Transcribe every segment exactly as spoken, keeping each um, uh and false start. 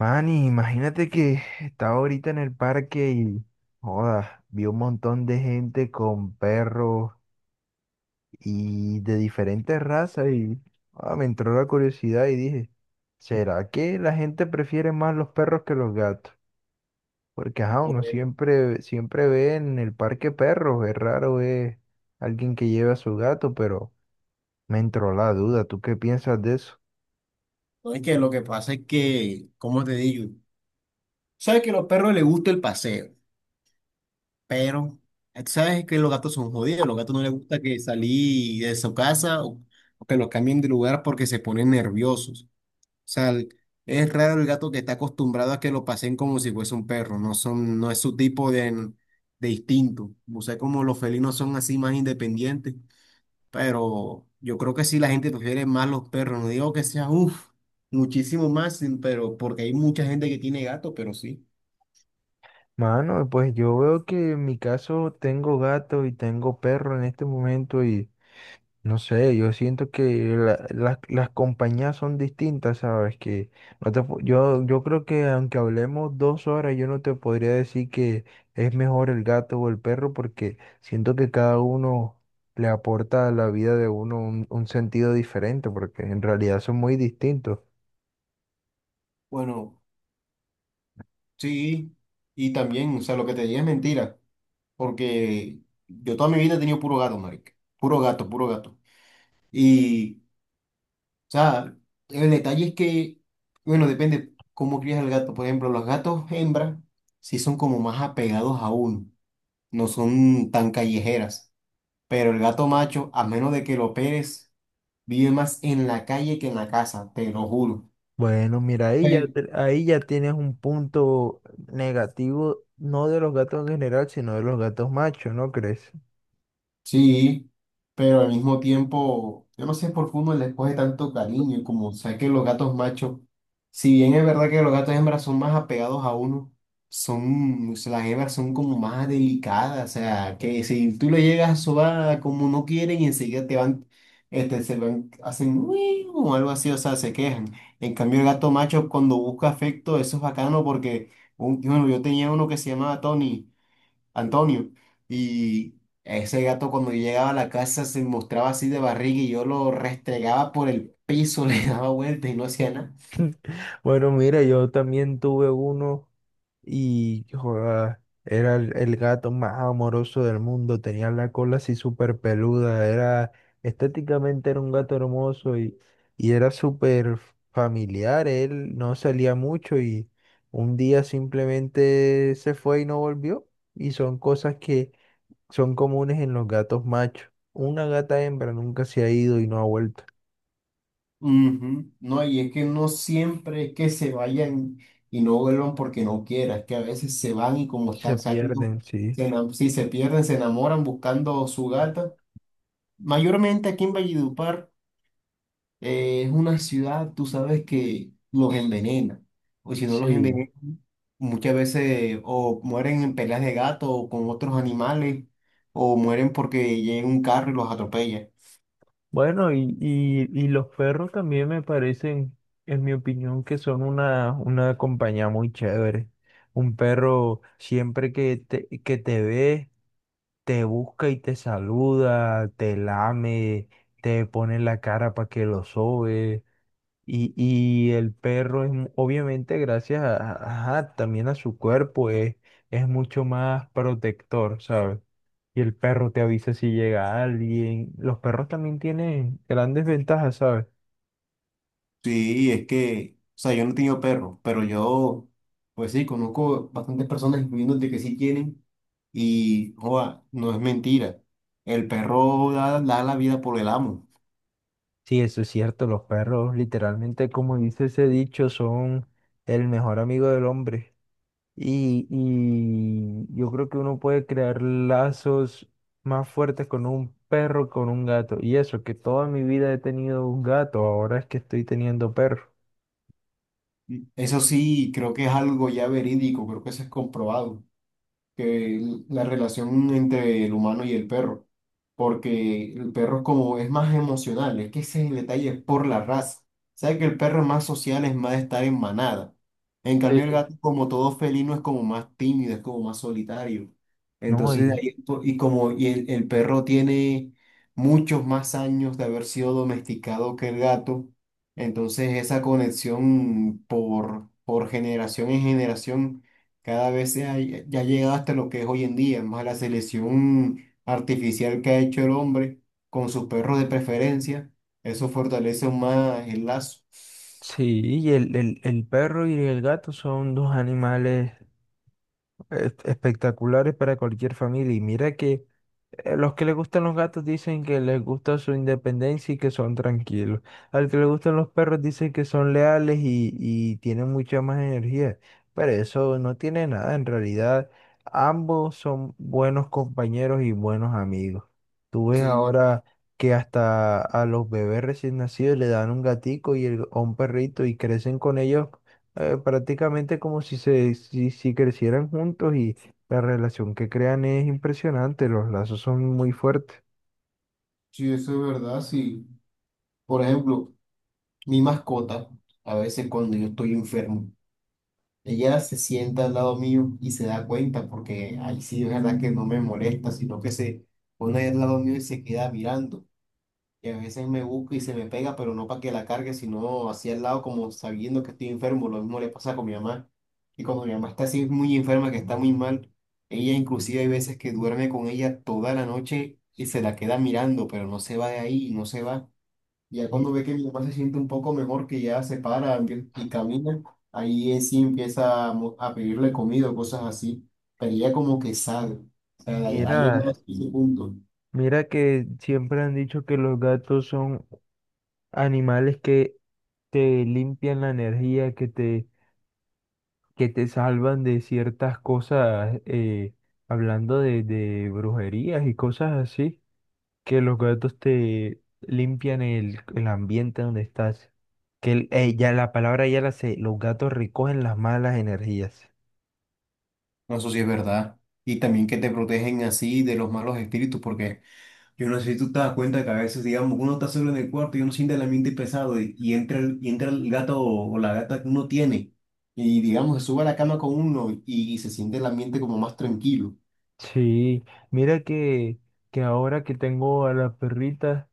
Manny, imagínate que estaba ahorita en el parque y, joda, vi un montón de gente con perros y de diferentes razas y joda, me entró la curiosidad y dije, ¿será que la gente prefiere más los perros que los gatos? Porque, ajá, uno Pues, siempre, siempre ve en el parque perros, es raro ver alguien que lleve a su gato, pero me entró la duda, ¿tú qué piensas de eso? no. Es que lo que pasa es que, como te digo, sabes que a los perros les gusta el paseo, pero sabes que los gatos son jodidos, los gatos no les gusta que salí de su casa o, o que los cambien de lugar porque se ponen nerviosos. O sea, el- es raro el gato que está acostumbrado a que lo pasen como si fuese un perro, no son, no es su tipo de, de instinto. O sea, como los felinos son así más independientes. Pero yo creo que sí, la gente prefiere más los perros. No digo que sea, uff, muchísimo más, sin- pero porque hay mucha gente que tiene gato, pero sí. Mano, pues yo veo que en mi caso tengo gato y tengo perro en este momento y no sé, yo siento que la- las las compañías son distintas, ¿sabes? Que no te, pu- yo, yo creo que aunque hablemos dos horas, yo no te podría decir que es mejor el gato o el perro porque siento que cada uno le aporta a la vida de uno un, un sentido diferente porque en realidad son muy distintos. Bueno, sí. Y también, o sea, lo que te dije es mentira. Porque yo toda mi vida he tenido puro gato, marica. Puro gato, puro gato. Y, o sea, el detalle es que, bueno, depende cómo crías el gato. Por ejemplo, los gatos hembra sí son como más apegados a uno. No son tan callejeras. Pero el gato macho, a menos de que lo operes, vive más en la calle que en la casa, te lo juro. Bueno, mira, ahí ya, Pe- te- ahí ya tienes un punto negativo, no de los gatos en general, sino de los gatos machos, ¿no crees? Sí, pero al mismo tiempo, yo no sé por qué uno les coge tanto cariño, y como sé que los gatos machos, si bien es verdad que los gatos hembras son más apegados a uno, son, o sea, las hembras son como más delicadas, o sea, que si tú le llegas a sobar como no quieren y enseguida te van, este, se van, hacen "uy", o algo así, o sea, se quejan. En cambio el gato macho, cuando busca afecto, eso es bacano porque, un- bueno, yo tenía uno que se llamaba Tony. Antonio. Y ese gato cuando yo llegaba a la casa se mostraba así de barriga y yo lo restregaba por el piso, le daba vueltas y no hacía nada. Bueno, mira, yo también tuve uno y joda, era el, el gato más amoroso del mundo, tenía la cola así súper peluda, era estéticamente era un gato hermoso y, y era súper familiar, él no salía mucho y un día simplemente se fue y no volvió y son cosas que son comunes en los gatos machos. Una gata hembra nunca se ha ido y no ha vuelto. Ujú. No, y es que no siempre es que se vayan y no vuelvan porque no quieran, es que a veces se van y como Se están saliendo, pierden, sí. se ena- si se pierden, se enamoran buscando su gata. Mayormente aquí en Valledupar. Eh, es una ciudad, tú sabes que los envenena, o si no los Sí. envenena, muchas veces o mueren en peleas de gato o con otros animales, o mueren porque llega un carro y los atropella. Bueno, y, y, y los perros también me parecen, en mi opinión, que son una, una compañía muy chévere. Un perro siempre que te, que te ve, te busca y te saluda, te lame, te pone la cara para que lo sobe. Y, y el perro es, mu- obviamente, gracias a, a- ajá, también a su cuerpo, es, es mucho más protector, ¿sabes? Y el perro te avisa si llega alguien. Los perros también tienen grandes ventajas, ¿sabes? Sí, es que, o sea, yo no he tenido perros, pero yo, pues sí, conozco bastantes personas, incluyendo de que sí tienen, y joa, no es mentira. El perro da, da la vida por el amo. Sí, eso es cierto, los perros literalmente, como dice ese dicho, son el mejor amigo del hombre. Y, y yo creo que uno puede crear lazos más fuertes con un perro, con un gato. Y eso, que toda mi vida he tenido un gato, ahora es que estoy teniendo perro. Eso sí, creo que es algo ya verídico, creo que eso es comprobado. Que la relación entre el humano y el perro, porque el perro, como es más emocional, es que ese es el detalle, es por la raza. Sabe que el perro es más social, es más de estar en manada. En cambio el Sí, gato, como todo felino, es como más tímido, es como más solitario. no, Entonces, de y ahí, es po- y como y el, el perro tiene muchos más años de haber sido domesticado que el gato, entonces esa conexión por, por generación en generación cada vez se ha- ya ha llegado hasta lo que es hoy en día, más la selección artificial que ha hecho el hombre con sus perros de preferencia. Eso fortalece aún más el lazo. sí, y el, el, el perro y el gato son dos animales es- espectaculares para cualquier familia. Y mira que Eh, los que les gustan los gatos dicen que les gusta su independencia y que son tranquilos. Al que le gustan los perros dicen que son leales y, y tienen mucha más energía. Pero eso no tiene nada. En realidad, ambos son buenos compañeros y buenos amigos. Tú ves Sí, ahora que hasta a los bebés recién nacidos le dan un gatico y el- o un perrito y crecen con ellos eh, prácticamente como si se si, si crecieran juntos, la relación que crean es impresionante, los lazos son muy fuertes. sí, eso es verdad, sí. Por ejemplo, mi mascota, a veces cuando yo estoy enfermo, ella se sienta al lado mío y se da cuenta, porque ahí sí es verdad que no me molesta, sino que se pone al lado mío y se queda mirando. Y a veces me busca y se me pega, pero no para que la cargue, sino hacia el lado, como sabiendo que estoy enfermo. Lo mismo le pasa con mi mamá. Y cuando mi mamá está así muy enferma, que está muy mal, ella inclusive hay veces que duerme con ella toda la noche y se la queda mirando, pero no se va de ahí y no se va. Ya Mi- cuando ve que mi mamá se siente un poco mejor, que ya se para empie- y camina, ahí es sí empieza a, mo- a pedirle comida o cosas así. Pero ella como que sabe. O sea, ha ha llegado a Mira, ese punto. mira que siempre han dicho que los gatos son animales que te limpian la energía, que te, que te salvan de ciertas cosas, eh, hablando de, de brujerías y cosas así, que los gatos te limpian el, el ambiente donde estás. Que el- eh, ya la palabra ya la sé, los gatos recogen las malas energías. No, eso sí es verdad. Y también que te protegen así de los malos espíritus, porque yo no sé si tú te das cuenta que a veces, digamos, uno está solo en el cuarto y uno siente el ambiente pesado, y, y entra el, y entra el gato o, o la gata que uno tiene y, digamos, se sube a la cama con uno y se siente el ambiente como más tranquilo. Sí, mira que, que ahora que tengo a las perritas,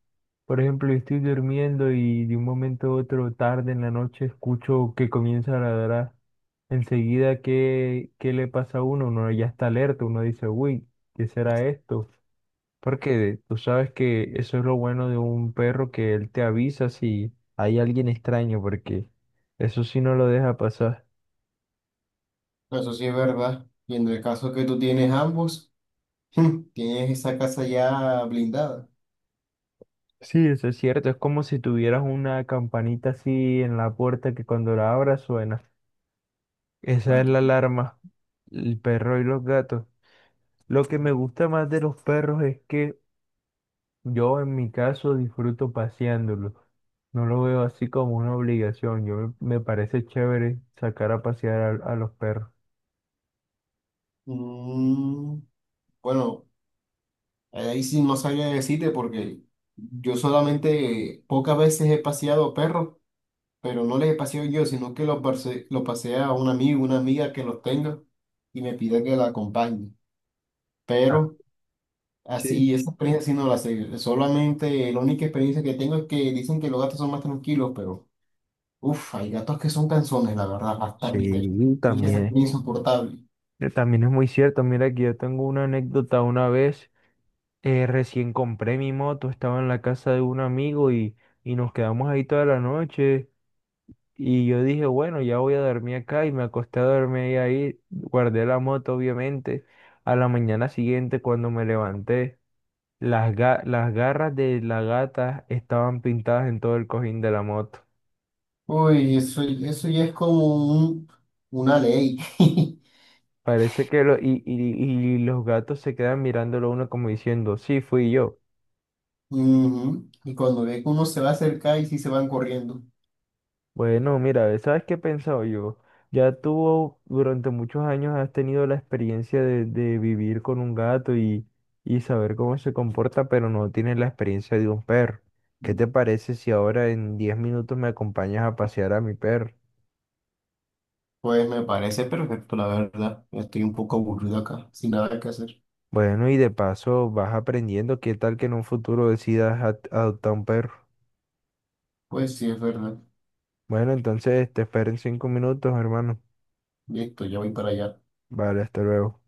por ejemplo, yo estoy durmiendo y de un momento a otro, tarde en la noche, escucho que comienza a ladrar. Enseguida, ¿qué, qué le pasa a uno? Uno ya está alerta, uno dice, uy, ¿qué será esto? Porque tú sabes que eso es lo bueno de un perro, que él te avisa si hay alguien extraño, porque eso sí no lo deja pasar. No, eso sí es verdad. Y en el caso que tú tienes ambos, tienes esa casa ya blindada. Sí, eso es cierto. Es como si tuvieras una campanita así en la puerta que cuando la abras suena. Esa Va- es la alarma. El perro y los gatos. Lo que me gusta más de los perros es que yo en mi caso disfruto paseándolos. No lo veo así como una obligación. Yo me me parece chévere sacar a pasear a, a los perros. Mm, bueno. Ahí sí no sabía decirte, porque yo solamente pocas veces he paseado perros, pero no les he paseado yo, sino que los pase, los pasea a un amigo, una amiga que los tenga y me pide que la acompañe. Ah, Pero sí. así, esa experiencia sí no la sé. Solamente la única experiencia que tengo es que dicen que los gatos son más tranquilos, pero uff, hay gatos que son canzones, la verdad, bastante. Sí, Y que se también. ponen insoportable. eh, También es muy cierto. Mira que yo tengo una anécdota una vez. Eh, recién compré mi moto, estaba en la casa de un amigo y, y nos quedamos ahí toda la noche. Y yo dije, bueno, ya voy a dormir acá y me acosté a dormir ahí. Guardé la moto, obviamente. A la mañana siguiente, cuando me levanté, las, ga- las garras de la gata estaban pintadas en todo el cojín de la moto. Uy, eso, eso ya es como un- una ley. Parece que lo, y, y, y los gatos se quedan mirándolo a uno como diciendo, sí, fui yo. Ujú. Y cuando ve que uno se va a acercar y sí se van corriendo. Bueno, mira, ¿sabes qué he pensado yo? Ya tú durante muchos años has tenido la experiencia de, de, vivir con un gato y, y saber cómo se comporta, pero no tienes la experiencia de un perro. ¿Qué te parece si ahora en diez minutos me acompañas a pasear a mi perro? Pues me parece perfecto, la verdad. Estoy un poco aburrido acá, sin nada que hacer. Bueno, y de paso vas aprendiendo qué tal que en un futuro decidas ad- adoptar un perro. Pues sí, es verdad. Bueno, entonces te espero en cinco minutos, hermano. Listo, ya voy para allá. Vale, hasta luego.